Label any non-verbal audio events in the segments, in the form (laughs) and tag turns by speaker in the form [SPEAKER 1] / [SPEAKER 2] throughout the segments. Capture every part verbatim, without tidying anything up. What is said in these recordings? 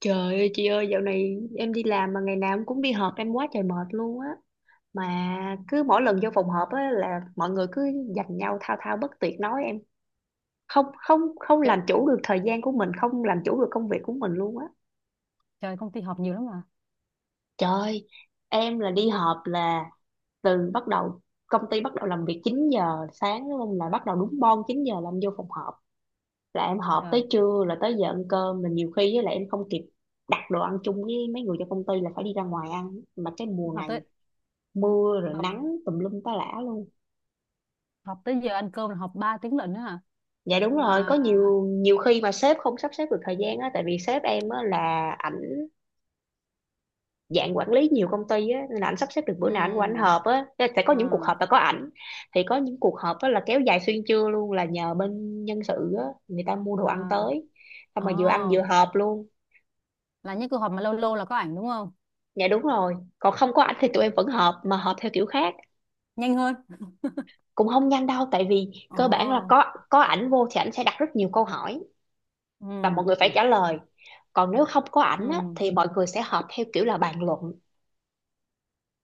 [SPEAKER 1] Trời ơi chị ơi, dạo này em đi làm mà ngày nào em cũng đi họp, em quá trời mệt luôn á. Mà cứ mỗi lần vô phòng họp á là mọi người cứ giành nhau thao thao bất tuyệt nói em không không không
[SPEAKER 2] Trời,
[SPEAKER 1] làm chủ được thời gian của mình, không làm chủ được công việc của mình luôn á.
[SPEAKER 2] trời, công ty họp nhiều lắm mà.
[SPEAKER 1] Trời, em là đi họp là từ bắt đầu công ty bắt đầu làm việc chín giờ sáng luôn, là bắt đầu đúng bon chín giờ là em vô phòng họp, là em họp
[SPEAKER 2] Trời,
[SPEAKER 1] tới trưa, là tới giờ ăn cơm là nhiều khi với lại em không kịp đặt đồ ăn chung với mấy người trong công ty, là phải đi ra ngoài ăn. Mà cái mùa
[SPEAKER 2] họp
[SPEAKER 1] này
[SPEAKER 2] tới
[SPEAKER 1] mưa rồi
[SPEAKER 2] họp
[SPEAKER 1] nắng tùm lum tá lả luôn.
[SPEAKER 2] họp tới giờ ăn cơm là họp ba tiếng lận đó hả?
[SPEAKER 1] Dạ đúng rồi, có
[SPEAKER 2] Mà
[SPEAKER 1] nhiều nhiều khi mà sếp không sắp xếp được thời gian á, tại vì sếp em á là ảnh dạng quản lý nhiều công ty á, nên là ảnh sắp xếp được bữa nào ảnh qua ảnh
[SPEAKER 2] ừ.
[SPEAKER 1] họp á. Thế sẽ có những cuộc
[SPEAKER 2] À.
[SPEAKER 1] họp là có ảnh, thì có những cuộc họp á là kéo dài xuyên trưa luôn, là nhờ bên nhân sự á người ta mua đồ
[SPEAKER 2] À.
[SPEAKER 1] ăn tới, xong
[SPEAKER 2] Ờ.
[SPEAKER 1] mà vừa ăn vừa họp luôn.
[SPEAKER 2] Là những cuộc họp mà lâu lâu là có ảnh đúng không?
[SPEAKER 1] Dạ đúng rồi, còn không có ảnh thì tụi em vẫn họp, mà họp theo kiểu khác.
[SPEAKER 2] Nhanh hơn.
[SPEAKER 1] Cũng không nhanh đâu, tại vì cơ bản là
[SPEAKER 2] Ờ.
[SPEAKER 1] có có ảnh vô thì ảnh sẽ đặt rất nhiều câu hỏi, và mọi người phải
[SPEAKER 2] Ừ.
[SPEAKER 1] trả lời. Còn nếu không có
[SPEAKER 2] Ừ.
[SPEAKER 1] ảnh á, thì mọi người sẽ họp theo kiểu là bàn luận.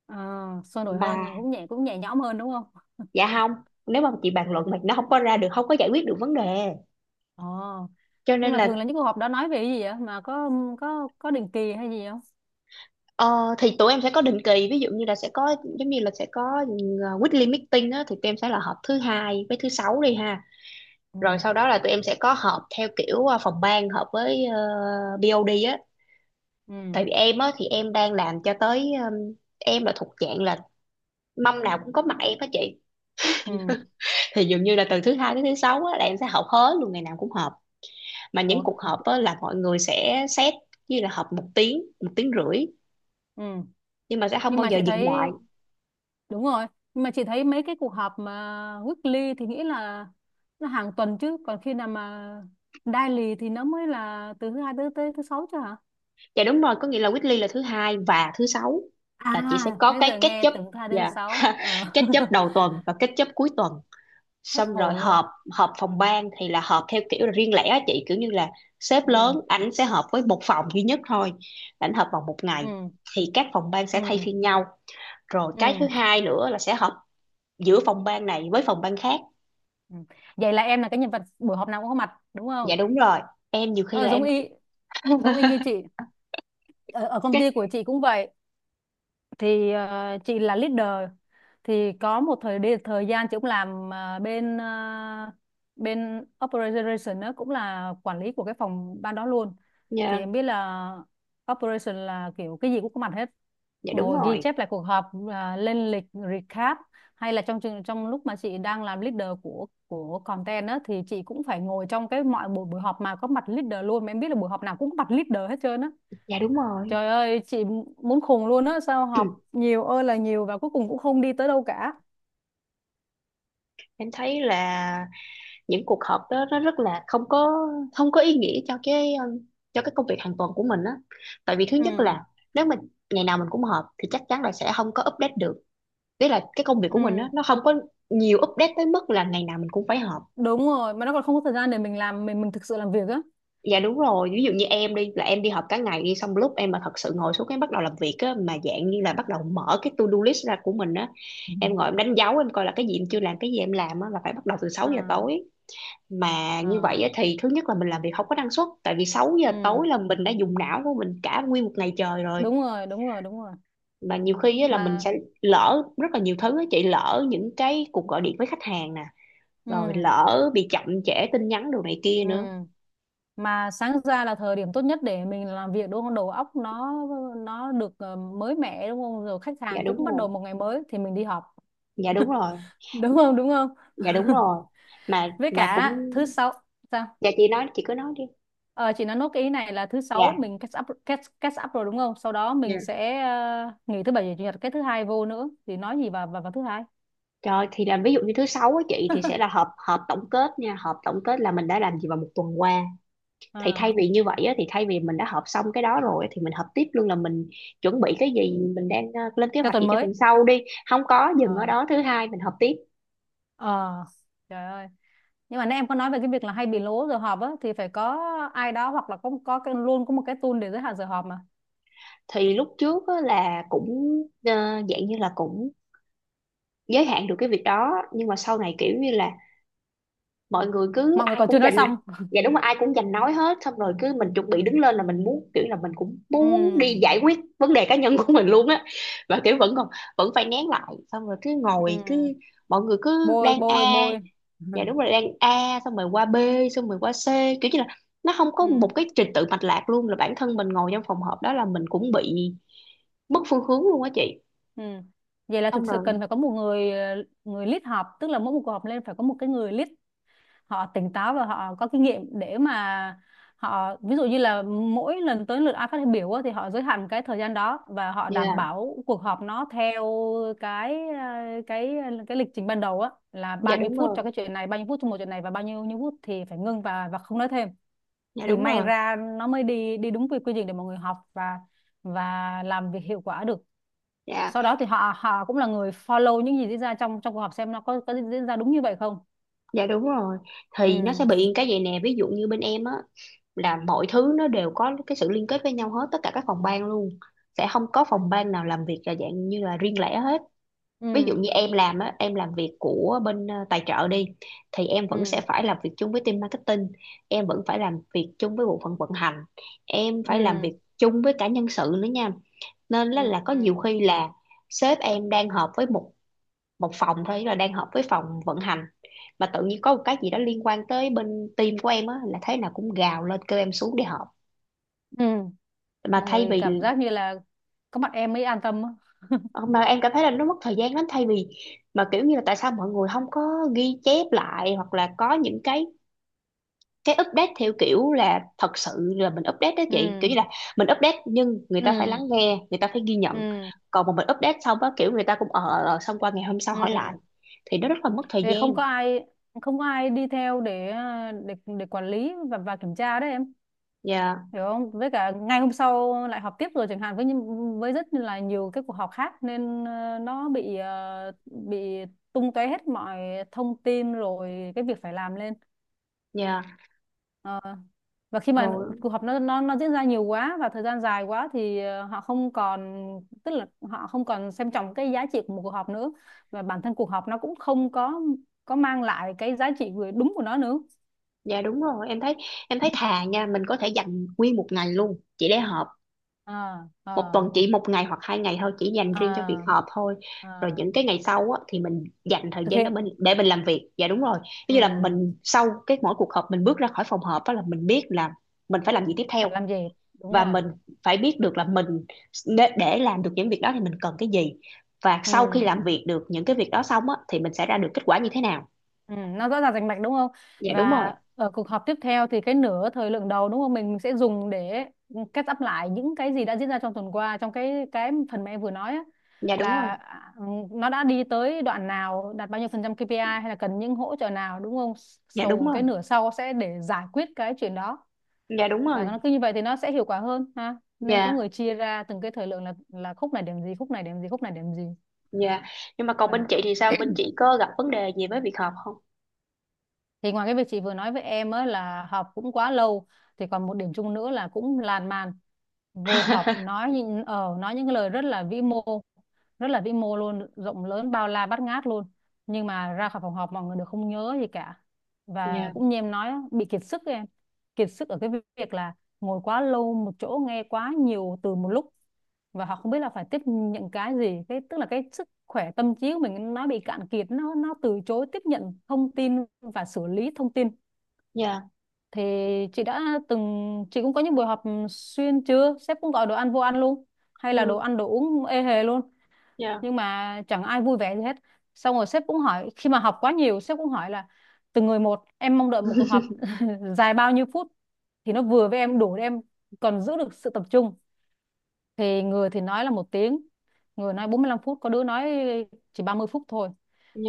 [SPEAKER 2] Ờ, sôi nổi hơn,
[SPEAKER 1] mà
[SPEAKER 2] cũng nhẹ cũng nhẹ nhõm hơn đúng không?
[SPEAKER 1] dạ không, nếu mà chị bàn luận mà nó không có ra được, không có giải quyết được vấn đề,
[SPEAKER 2] Ờ,
[SPEAKER 1] cho
[SPEAKER 2] nhưng
[SPEAKER 1] nên
[SPEAKER 2] mà thường
[SPEAKER 1] là
[SPEAKER 2] là những cuộc họp đó nói về cái gì vậy, mà có có có định kỳ hay gì không?
[SPEAKER 1] ờ, thì tụi em sẽ có định kỳ, ví dụ như là sẽ có giống như là sẽ có ừ, weekly meeting á, thì tụi em sẽ là họp thứ hai với thứ sáu đi ha. Rồi
[SPEAKER 2] Ừ.
[SPEAKER 1] sau đó là tụi em sẽ có họp theo kiểu ờ, phòng ban họp với ờ, bê ô đê á.
[SPEAKER 2] Ừ.
[SPEAKER 1] Tại vì em á thì em đang làm cho tới ừm, em là thuộc dạng là mâm nào cũng có mặt em á chị,
[SPEAKER 2] Ừ.
[SPEAKER 1] thì dường như là từ thứ hai tới thứ sáu á là em sẽ họp hết luôn, ngày nào cũng họp. Mà những
[SPEAKER 2] Ủa.
[SPEAKER 1] cuộc họp á, là mọi người sẽ set như là họp một tiếng, một tiếng rưỡi,
[SPEAKER 2] Ừ.
[SPEAKER 1] nhưng mà sẽ không
[SPEAKER 2] nhưng
[SPEAKER 1] bao
[SPEAKER 2] mà
[SPEAKER 1] giờ
[SPEAKER 2] chị
[SPEAKER 1] dừng lại.
[SPEAKER 2] thấy Đúng rồi, nhưng mà chị thấy mấy cái cuộc họp mà weekly thì nghĩ là nó hàng tuần chứ, còn khi nào mà daily thì nó mới là từ thứ hai tới tới thứ sáu chứ hả?
[SPEAKER 1] Dạ đúng rồi, có nghĩa là weekly là thứ hai và thứ sáu,
[SPEAKER 2] À,
[SPEAKER 1] là chị sẽ có
[SPEAKER 2] nãy
[SPEAKER 1] cái
[SPEAKER 2] giờ
[SPEAKER 1] catch
[SPEAKER 2] nghe
[SPEAKER 1] up.
[SPEAKER 2] tưởng thứ hai đến thứ
[SPEAKER 1] Dạ.
[SPEAKER 2] sáu.
[SPEAKER 1] (laughs)
[SPEAKER 2] Ờ.
[SPEAKER 1] Catch up
[SPEAKER 2] (laughs)
[SPEAKER 1] đầu tuần và catch up cuối tuần,
[SPEAKER 2] Hết
[SPEAKER 1] xong rồi
[SPEAKER 2] hồn
[SPEAKER 1] họp.
[SPEAKER 2] luôn.
[SPEAKER 1] Họp phòng ban thì là họp theo kiểu là riêng lẻ á chị, kiểu như là sếp lớn
[SPEAKER 2] Ừ,
[SPEAKER 1] ảnh sẽ họp với một phòng duy nhất thôi, ảnh họp vào một ngày,
[SPEAKER 2] ừ,
[SPEAKER 1] thì các phòng ban
[SPEAKER 2] ừ,
[SPEAKER 1] sẽ thay phiên nhau. Rồi cái thứ
[SPEAKER 2] ừ.
[SPEAKER 1] hai nữa là sẽ họp giữa phòng ban này với phòng ban khác.
[SPEAKER 2] Ừ. Vậy là em là cái nhân vật buổi họp nào cũng có mặt đúng
[SPEAKER 1] Dạ
[SPEAKER 2] không?
[SPEAKER 1] đúng rồi, em nhiều khi
[SPEAKER 2] Ờ,
[SPEAKER 1] là
[SPEAKER 2] giống
[SPEAKER 1] em.
[SPEAKER 2] y giống y như
[SPEAKER 1] (laughs)
[SPEAKER 2] chị. Ở, ở công
[SPEAKER 1] Cái,
[SPEAKER 2] ty của chị cũng vậy. Thì ờ, chị là leader, thì có một thời đi thời gian chị cũng làm ờ, bên ờ, bên operation, đó cũng là quản lý của cái phòng ban đó luôn. Thì
[SPEAKER 1] dạ,
[SPEAKER 2] em biết là operation là kiểu cái gì cũng có mặt hết,
[SPEAKER 1] dạ đúng
[SPEAKER 2] ngồi ghi
[SPEAKER 1] rồi,
[SPEAKER 2] chép lại cuộc họp à, lên lịch, recap, hay là trong trường- trong lúc mà chị đang làm leader của của content á, thì chị cũng phải ngồi trong cái mọi buổi buổi họp mà có mặt leader luôn, mà em biết là buổi họp nào cũng có mặt leader hết trơn á.
[SPEAKER 1] dạ đúng rồi.
[SPEAKER 2] Trời ơi, chị muốn khùng luôn á, sao học
[SPEAKER 1] (clears throat)
[SPEAKER 2] nhiều ơi là nhiều và cuối cùng cũng không đi tới đâu cả.
[SPEAKER 1] Em thấy là những cuộc họp đó nó rất là không có, không có ý nghĩa cho cái um, cho cái công việc hàng tuần của mình á. Tại vì thứ nhất
[SPEAKER 2] Ừ.
[SPEAKER 1] là nếu mình ngày nào mình cũng họp thì chắc chắn là sẽ không có update được. Tức là cái công việc của mình á
[SPEAKER 2] Ừ.
[SPEAKER 1] nó không có nhiều update tới mức là ngày nào mình cũng phải họp.
[SPEAKER 2] Đúng rồi, mà nó còn không có thời gian để mình làm, mình mình thực sự làm việc á.
[SPEAKER 1] Dạ đúng rồi, ví dụ như em đi là em đi họp cả ngày đi, xong lúc em mà thật sự ngồi xuống cái bắt đầu làm việc á, mà dạng như là bắt đầu mở cái to-do list ra của mình á, em
[SPEAKER 2] Ừ.
[SPEAKER 1] ngồi em đánh dấu em coi là cái gì em chưa làm, cái gì em làm á, là phải bắt đầu từ sáu giờ
[SPEAKER 2] À,
[SPEAKER 1] tối Mà
[SPEAKER 2] ờ,
[SPEAKER 1] như vậy á, thì thứ nhất là mình làm việc không có năng suất, tại vì sáu giờ tối
[SPEAKER 2] ừ,
[SPEAKER 1] là mình đã dùng não của mình cả nguyên một ngày trời rồi.
[SPEAKER 2] đúng rồi, đúng rồi, đúng rồi.
[SPEAKER 1] Mà nhiều khi á, là mình sẽ
[SPEAKER 2] Mà.
[SPEAKER 1] lỡ rất là nhiều thứ á chị, lỡ những cái cuộc gọi điện với khách hàng nè,
[SPEAKER 2] Ừ,
[SPEAKER 1] rồi lỡ bị chậm trễ tin nhắn đồ này kia nữa.
[SPEAKER 2] ừ, mà sáng ra là thời điểm tốt nhất để mình làm việc đúng không? Đầu óc nó nó được ờ, mới mẻ đúng không? Rồi khách
[SPEAKER 1] Dạ
[SPEAKER 2] hàng cũng
[SPEAKER 1] đúng
[SPEAKER 2] bắt
[SPEAKER 1] rồi,
[SPEAKER 2] đầu một ngày mới thì mình đi họp.
[SPEAKER 1] dạ đúng rồi,
[SPEAKER 2] Đúng không? Đúng không?
[SPEAKER 1] dạ đúng
[SPEAKER 2] (laughs)
[SPEAKER 1] rồi. mà
[SPEAKER 2] Với
[SPEAKER 1] mà
[SPEAKER 2] cả
[SPEAKER 1] cũng,
[SPEAKER 2] thứ sáu, sao.
[SPEAKER 1] dạ chị nói, chị cứ nói đi.
[SPEAKER 2] Ờ, chị nói nốt cái ý này là thứ sáu
[SPEAKER 1] Dạ.
[SPEAKER 2] mình catch up catch, catch up rồi đúng không? Sau đó
[SPEAKER 1] Dạ.
[SPEAKER 2] mình sẽ ờ, nghỉ thứ bảy và chủ nhật, cái thứ hai vô nữa thì nói gì vào vào, vào thứ hai.
[SPEAKER 1] Trời, thì là ví dụ như thứ sáu á chị thì sẽ
[SPEAKER 2] (laughs)
[SPEAKER 1] là họp, họp tổng kết nha, họp tổng kết là mình đã làm gì vào một tuần qua. Thì
[SPEAKER 2] Ờ,
[SPEAKER 1] thay vì như vậy á, thì thay vì mình đã họp xong cái đó rồi thì mình họp tiếp luôn là mình chuẩn bị cái gì, mình đang ờ, lên kế
[SPEAKER 2] cho
[SPEAKER 1] hoạch
[SPEAKER 2] tuần
[SPEAKER 1] gì cho
[SPEAKER 2] mới.
[SPEAKER 1] tuần sau đi. Không có dừng ở
[SPEAKER 2] Ờ,
[SPEAKER 1] đó, thứ hai mình họp tiếp.
[SPEAKER 2] ờ, trời ơi. Nhưng mà nãy em có nói về cái việc là hay bị lố giờ họp á, thì phải có ai đó, hoặc là có có cái, luôn có một cái tool để giới hạn giờ họp mà.
[SPEAKER 1] Thì lúc trước á là cũng ờ, dạng như là cũng giới hạn được cái việc đó, nhưng mà sau này kiểu như là mọi người cứ
[SPEAKER 2] Mọi người
[SPEAKER 1] ai
[SPEAKER 2] còn chưa
[SPEAKER 1] cũng
[SPEAKER 2] nói
[SPEAKER 1] dành.
[SPEAKER 2] xong.
[SPEAKER 1] Dạ đúng rồi, ai cũng dành nói hết, xong rồi cứ mình chuẩn bị đứng lên là mình muốn, kiểu là mình cũng muốn đi
[SPEAKER 2] Ừ,
[SPEAKER 1] giải quyết vấn đề cá nhân của mình luôn á, và kiểu vẫn còn, vẫn phải nén lại, xong rồi cứ ngồi cứ
[SPEAKER 2] ừ.
[SPEAKER 1] mọi người cứ
[SPEAKER 2] Bôi
[SPEAKER 1] đang
[SPEAKER 2] bôi
[SPEAKER 1] a.
[SPEAKER 2] bôi. Ừ.
[SPEAKER 1] Dạ đúng rồi, đang a xong rồi qua b, xong rồi qua c, kiểu như là nó không có
[SPEAKER 2] Ừ.
[SPEAKER 1] một cái trình tự mạch lạc luôn, là bản thân mình ngồi trong phòng họp đó là mình cũng bị mất phương hướng luôn á chị.
[SPEAKER 2] Ừ. Vậy là
[SPEAKER 1] Xong
[SPEAKER 2] thực sự cần
[SPEAKER 1] rồi
[SPEAKER 2] phải có một người ờ, người lead họp, tức là mỗi một cuộc họp lên phải có một cái người lead, họ tỉnh táo và họ có kinh nghiệm để mà họ, ví dụ như là mỗi lần tới lượt ai phát biểu á, thì họ giới hạn cái thời gian đó, và họ đảm
[SPEAKER 1] dạ,
[SPEAKER 2] bảo cuộc họp nó theo cái ờ, cái cái lịch trình ban đầu á, là
[SPEAKER 1] dạ
[SPEAKER 2] bao nhiêu
[SPEAKER 1] đúng
[SPEAKER 2] phút
[SPEAKER 1] rồi,
[SPEAKER 2] cho cái chuyện này, bao nhiêu phút cho một chuyện này, và bao nhiêu nhiêu phút thì phải ngưng và và không nói thêm.
[SPEAKER 1] dạ
[SPEAKER 2] Thì
[SPEAKER 1] đúng
[SPEAKER 2] may
[SPEAKER 1] rồi,
[SPEAKER 2] ra nó mới đi đi đúng quy quy trình để mọi người học và và làm việc hiệu quả được.
[SPEAKER 1] dạ.
[SPEAKER 2] Sau đó thì họ họ cũng là người follow những gì diễn ra trong trong cuộc họp, xem nó có có diễn ra đúng như vậy không.
[SPEAKER 1] Dạ đúng rồi, thì nó sẽ
[SPEAKER 2] Ừ.
[SPEAKER 1] bị cái vậy nè, ví dụ như bên em á là mọi thứ nó đều có cái sự liên kết với nhau hết, tất cả các phòng ban luôn, sẽ không có phòng ban nào làm việc là dạng như là riêng lẻ hết. Ví dụ
[SPEAKER 2] Ừ.
[SPEAKER 1] như em làm á, em làm việc của bên ờ, tài trợ đi, thì em vẫn sẽ
[SPEAKER 2] Ừ.
[SPEAKER 1] phải làm việc chung với team marketing, em vẫn phải làm việc chung với bộ phận vận hành, em
[SPEAKER 2] Ừ.
[SPEAKER 1] phải làm việc chung với cả nhân sự nữa nha. Nên
[SPEAKER 2] Ừ.
[SPEAKER 1] là, là có
[SPEAKER 2] Ừ.
[SPEAKER 1] nhiều khi là sếp em đang họp với một một phòng thôi, là đang hợp với phòng vận hành, mà tự nhiên có một cái gì đó liên quan tới bên team của em á là thế nào cũng gào lên kêu em xuống để họp.
[SPEAKER 2] Ừ.
[SPEAKER 1] Mà
[SPEAKER 2] Mọi
[SPEAKER 1] thay
[SPEAKER 2] người
[SPEAKER 1] vì,
[SPEAKER 2] cảm giác như là có mặt em mới an tâm á.
[SPEAKER 1] mà em cảm thấy là nó mất thời gian lắm, thay vì mà kiểu như là tại sao mọi người không có ghi chép lại, hoặc là có những cái cái update theo kiểu là thật sự là mình update đó chị, kiểu
[SPEAKER 2] Ừ.
[SPEAKER 1] như là mình update nhưng người ta phải
[SPEAKER 2] Ừ.
[SPEAKER 1] lắng nghe, người ta phải ghi nhận.
[SPEAKER 2] Ừ.
[SPEAKER 1] Còn mà mình update xong á kiểu người ta cũng ờ ờ, xong qua ngày hôm sau
[SPEAKER 2] Ừ,
[SPEAKER 1] hỏi lại, thì nó rất là mất thời
[SPEAKER 2] để
[SPEAKER 1] gian.
[SPEAKER 2] không có ai không có ai đi theo để à, để để quản lý và và kiểm tra đấy em,
[SPEAKER 1] Dạ,
[SPEAKER 2] hiểu không? Với cả ngày hôm sau lại họp tiếp rồi chẳng hạn, với những- với rất là nhiều cái cuộc họp khác, nên ờ, nó bị ờ, bị tung tóe hết mọi thông tin rồi cái việc phải làm lên.
[SPEAKER 1] dạ
[SPEAKER 2] Ờ. Và khi mà
[SPEAKER 1] rồi.
[SPEAKER 2] cuộc họp nó nó nó diễn ra nhiều quá và thời gian dài quá thì ờ, họ không còn tức là họ không còn xem trọng cái giá trị của một cuộc họp nữa, và bản thân cuộc họp nó cũng không có có mang lại cái giá trị vừa đúng của nó nữa.
[SPEAKER 1] Dạ đúng rồi, em thấy, em thấy thà nha, mình có thể dành nguyên một ngày luôn chỉ để họp.
[SPEAKER 2] À,
[SPEAKER 1] Một
[SPEAKER 2] à,
[SPEAKER 1] tuần chỉ một ngày hoặc hai ngày thôi, chỉ dành riêng cho việc
[SPEAKER 2] à,
[SPEAKER 1] họp thôi. Rồi
[SPEAKER 2] à.
[SPEAKER 1] những cái ngày sau á, thì mình dành thời
[SPEAKER 2] Thực
[SPEAKER 1] gian đó
[SPEAKER 2] hiện.
[SPEAKER 1] mình để mình làm việc. Dạ đúng rồi. Ví dụ là
[SPEAKER 2] Ừ.
[SPEAKER 1] mình sau cái mỗi cuộc họp mình bước ra khỏi phòng họp á là mình biết là mình phải làm gì tiếp
[SPEAKER 2] Phải
[SPEAKER 1] theo,
[SPEAKER 2] làm gì? Đúng
[SPEAKER 1] và
[SPEAKER 2] rồi.
[SPEAKER 1] mình phải biết được là mình, để để làm được những việc đó thì mình cần cái gì. Và
[SPEAKER 2] Ừ.
[SPEAKER 1] sau khi làm việc được những cái việc đó xong á thì mình sẽ ra được kết quả như thế nào.
[SPEAKER 2] Ừ, nó rõ ràng rành mạch đúng không?
[SPEAKER 1] Dạ đúng
[SPEAKER 2] Và
[SPEAKER 1] rồi.
[SPEAKER 2] ở cuộc họp tiếp theo thì cái nửa thời lượng đầu đúng không? Mình mình sẽ dùng để catch up lại những cái gì đã diễn ra trong tuần qua, trong cái cái phần mà em vừa nói á,
[SPEAKER 1] Dạ đúng rồi.
[SPEAKER 2] là à, nó đã đi tới đoạn nào, đạt bao nhiêu phần trăm kê pi ai hay là cần những hỗ trợ nào đúng không?
[SPEAKER 1] Dạ đúng
[SPEAKER 2] Sau,
[SPEAKER 1] rồi.
[SPEAKER 2] cái nửa sau sẽ để giải quyết cái chuyện đó,
[SPEAKER 1] Dạ đúng rồi. Dạ
[SPEAKER 2] và
[SPEAKER 1] đúng
[SPEAKER 2] nó
[SPEAKER 1] rồi.
[SPEAKER 2] cứ như vậy thì nó sẽ hiệu quả hơn ha. Nên có
[SPEAKER 1] Dạ.
[SPEAKER 2] người chia ra từng cái thời lượng là là khúc này điểm gì, khúc này điểm gì, khúc này điểm gì.
[SPEAKER 1] Dạ. Nhưng mà còn bên chị thì sao? Bên chị có gặp vấn đề gì với việc học không?
[SPEAKER 2] Thì ngoài cái việc chị vừa nói với em á là họp cũng quá lâu, thì còn một điểm chung nữa là cũng lan man, vô họp
[SPEAKER 1] (laughs)
[SPEAKER 2] nói những ờ nói những cái lời rất là vĩ mô, rất là vĩ mô luôn, rộng lớn, bao la bát ngát luôn, nhưng mà ra khỏi phòng họp mọi người đều không nhớ gì cả. Và
[SPEAKER 1] Dạ,
[SPEAKER 2] cũng như em nói á, bị kiệt sức ấy em, kiệt sức ở cái việc là ngồi quá lâu một chỗ, nghe quá nhiều từ một lúc, và họ không biết là phải tiếp nhận cái gì. Cái, tức là cái sức khỏe tâm trí của mình nó bị cạn kiệt, nó nó từ chối tiếp nhận thông tin và xử lý thông tin.
[SPEAKER 1] dạ,
[SPEAKER 2] Thì chị đã từng chị cũng có những buổi họp xuyên trưa, sếp cũng gọi đồ ăn vô ăn luôn, hay là đồ
[SPEAKER 1] ừ.
[SPEAKER 2] ăn đồ uống ê hề luôn,
[SPEAKER 1] Dạ.
[SPEAKER 2] nhưng mà chẳng ai vui vẻ gì hết. Xong rồi sếp cũng hỏi, khi mà họp quá nhiều sếp cũng hỏi là, từng người một, em mong đợi một cuộc họp (laughs) dài bao nhiêu phút thì nó vừa với em, đủ để em còn giữ được sự tập trung. Thì người thì nói là một tiếng, người nói bốn mươi lăm phút, có đứa nói chỉ ba mươi phút thôi.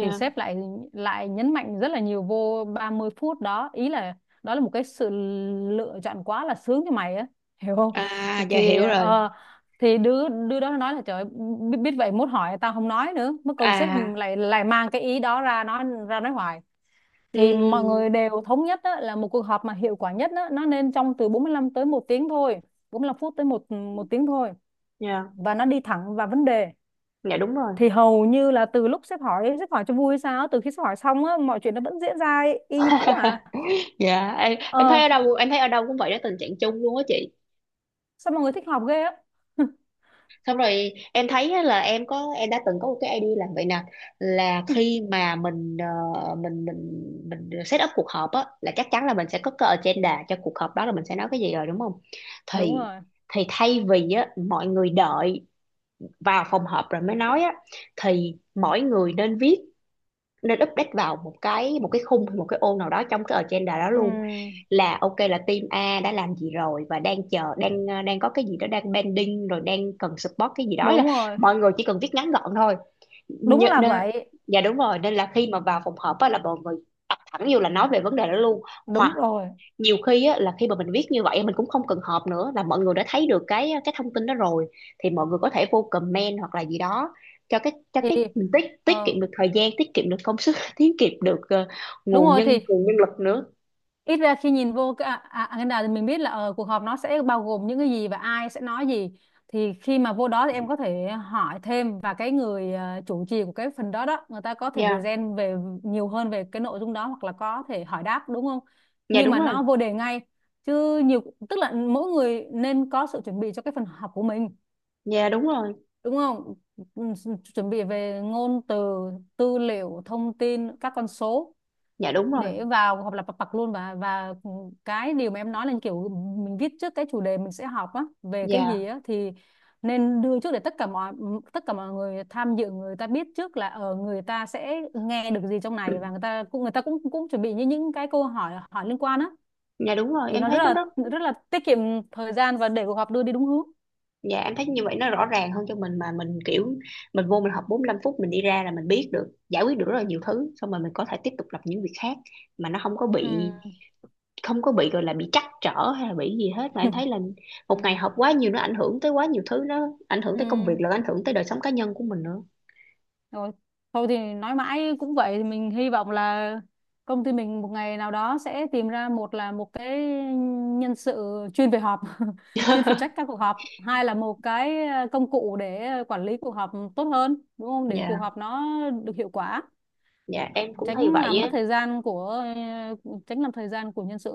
[SPEAKER 2] Thì sếp lại lại nhấn mạnh rất là nhiều vô ba mươi phút đó, ý là đó là một cái sự lựa chọn quá là sướng cho mày á, (laughs) hiểu không?
[SPEAKER 1] À, dạ
[SPEAKER 2] thì
[SPEAKER 1] hiểu rồi.
[SPEAKER 2] ờ, thì đứa đứa đó nói là, trời ơi, biết, biết vậy mốt hỏi tao không nói nữa, mất công sếp
[SPEAKER 1] À,
[SPEAKER 2] lại lại mang cái ý đó ra nói ra nói hoài. Thì mọi
[SPEAKER 1] ừ,
[SPEAKER 2] người đều thống nhất á, là một cuộc họp mà hiệu quả nhất á, nó nên trong từ bốn mươi lăm tới một tiếng thôi, bốn mươi lăm phút tới một một tiếng thôi,
[SPEAKER 1] dạ.
[SPEAKER 2] và nó đi thẳng vào vấn đề.
[SPEAKER 1] Dạ đúng rồi.
[SPEAKER 2] Thì hầu như là từ lúc sếp hỏi, sếp hỏi cho vui sao, từ khi sếp hỏi xong á, mọi chuyện nó vẫn diễn ra y y như cũ à.
[SPEAKER 1] (laughs) Dạ, em, em thấy
[SPEAKER 2] Ờ,
[SPEAKER 1] ở đâu, em thấy ở đâu cũng vậy đó, tình trạng chung luôn á chị.
[SPEAKER 2] sao mọi người thích họp ghê á. (laughs)
[SPEAKER 1] Xong rồi em thấy á là em có, em đã từng có một cái idea là vậy nè, là khi mà mình ờ, mình mình mình set up cuộc họp á là chắc chắn là mình sẽ có cái agenda cho cuộc họp đó, là mình sẽ nói cái gì rồi đúng không.
[SPEAKER 2] Đúng
[SPEAKER 1] thì
[SPEAKER 2] rồi.
[SPEAKER 1] thì thay vì á mọi người đợi vào phòng họp rồi mới nói á, thì mỗi người nên viết, nên update vào một cái một cái khung, một cái ô nào đó trong cái agenda đó luôn.
[SPEAKER 2] Ừ,
[SPEAKER 1] Là ok là team A đã làm gì rồi, và đang chờ, đang ờ, đang có cái gì đó đang pending, rồi đang cần support cái gì đó, là
[SPEAKER 2] đúng rồi.
[SPEAKER 1] mọi người chỉ cần viết ngắn gọn thôi.
[SPEAKER 2] Đúng
[SPEAKER 1] Nhớ-
[SPEAKER 2] là
[SPEAKER 1] nên,
[SPEAKER 2] vậy.
[SPEAKER 1] dạ đúng rồi, nên là khi mà vào phòng họp á là mọi người tập thẳng vô là nói về vấn đề đó luôn. Hoặc
[SPEAKER 2] Đúng rồi.
[SPEAKER 1] nhiều khi á, là khi mà mình viết như vậy mình cũng không cần họp nữa, là mọi người đã thấy được cái cái thông tin đó rồi, thì mọi người có thể vô comment hoặc là gì đó cho cái, cho
[SPEAKER 2] Thì
[SPEAKER 1] cái mình tiết tiết
[SPEAKER 2] ờ
[SPEAKER 1] kiệm được thời gian, tiết kiệm được công sức, (laughs) tiết kiệm được ờ,
[SPEAKER 2] Đúng
[SPEAKER 1] nguồn
[SPEAKER 2] rồi.
[SPEAKER 1] nhân
[SPEAKER 2] Thì
[SPEAKER 1] nguồn nhân lực nữa.
[SPEAKER 2] ít ra khi nhìn vô cái a- a- agenda thì mình biết là ờ, cuộc họp nó sẽ bao gồm những cái gì và ai sẽ nói gì. Thì khi mà vô đó thì em có thể hỏi thêm, và cái người ờ, chủ trì của cái phần đó đó, người ta có thể
[SPEAKER 1] Dạ,
[SPEAKER 2] present về nhiều hơn về cái nội dung đó, hoặc là có thể hỏi đáp đúng không?
[SPEAKER 1] dạ
[SPEAKER 2] Nhưng
[SPEAKER 1] đúng
[SPEAKER 2] mà
[SPEAKER 1] rồi,
[SPEAKER 2] nó vô đề ngay, chứ nhiều tức là mỗi người nên có sự chuẩn bị cho cái phần họp của mình
[SPEAKER 1] dạ đúng rồi,
[SPEAKER 2] đúng không? Ừ, chuẩn bị về ngôn từ, tư liệu, thông tin, các con số
[SPEAKER 1] dạ đúng rồi,
[SPEAKER 2] để vào, hoặc là pa- pặc luôn. Và và cái điều mà em nói là kiểu mình viết trước cái chủ đề mình sẽ học á về cái gì
[SPEAKER 1] dạ.
[SPEAKER 2] á, thì nên đưa trước, để tất cả mọi tất cả mọi người tham dự, người ta biết trước là ở người ta sẽ nghe được gì trong
[SPEAKER 1] (clears throat) Ừ.
[SPEAKER 2] này, và người ta cũng người ta cũng cũng chuẩn bị như những cái câu hỏi hỏi liên quan á.
[SPEAKER 1] Dạ đúng rồi,
[SPEAKER 2] Thì
[SPEAKER 1] em
[SPEAKER 2] nó
[SPEAKER 1] thấy
[SPEAKER 2] rất
[SPEAKER 1] nó rất.
[SPEAKER 2] là rất là tiết kiệm thời gian và để cuộc họp đưa đi đúng hướng.
[SPEAKER 1] Dạ, em thấy như vậy nó rõ ràng hơn cho mình, mà mình kiểu mình vô mình học bốn mươi lăm phút mình đi ra là mình biết được, giải quyết được rất là nhiều thứ, xong rồi mình có thể tiếp tục làm những việc khác, mà nó không có
[SPEAKER 2] Ừ.
[SPEAKER 1] bị, không có bị gọi là bị trắc trở hay là bị gì hết. Mà em thấy là
[SPEAKER 2] (laughs)
[SPEAKER 1] một ngày
[SPEAKER 2] Ừ.
[SPEAKER 1] học quá nhiều nó ảnh hưởng tới quá nhiều thứ, nó ảnh hưởng tới công
[SPEAKER 2] Ừ.
[SPEAKER 1] việc, là ảnh hưởng tới đời sống cá nhân của mình nữa.
[SPEAKER 2] Rồi, thôi thì nói mãi cũng vậy, thì mình hy vọng là công ty mình một ngày nào đó sẽ tìm ra, một là một cái nhân sự chuyên về họp, (laughs) chuyên phụ trách các cuộc họp, hai là một cái ờ, công cụ để ờ, quản lý cuộc họp tốt hơn, đúng không? Để cuộc
[SPEAKER 1] Dạ.
[SPEAKER 2] họp nó được hiệu quả,
[SPEAKER 1] Dạ em cũng thấy
[SPEAKER 2] tránh
[SPEAKER 1] vậy
[SPEAKER 2] làm mất
[SPEAKER 1] á.
[SPEAKER 2] thời gian của ờ, tránh làm thời gian của nhân sự.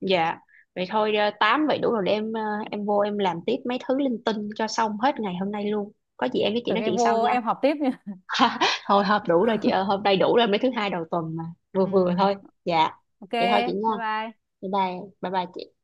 [SPEAKER 1] Dạ vậy thôi, ờ, tám vậy đủ rồi, để em ờ, em vô em làm tiếp mấy thứ linh tinh cho xong hết
[SPEAKER 2] Ừ.
[SPEAKER 1] ngày hôm nay luôn, có gì em với chị
[SPEAKER 2] Tưởng
[SPEAKER 1] nói
[SPEAKER 2] em
[SPEAKER 1] chuyện sau
[SPEAKER 2] vô
[SPEAKER 1] nha.
[SPEAKER 2] em họp tiếp nha.
[SPEAKER 1] Thôi hợp đủ rồi chị ơi, hôm nay đủ rồi, mấy thứ hai đầu tuần mà, vừa
[SPEAKER 2] Ừ.
[SPEAKER 1] vừa thôi. Dạ
[SPEAKER 2] Ok,
[SPEAKER 1] vậy thôi chị
[SPEAKER 2] bye
[SPEAKER 1] nha,
[SPEAKER 2] bye.
[SPEAKER 1] bye bye, bye bye chị.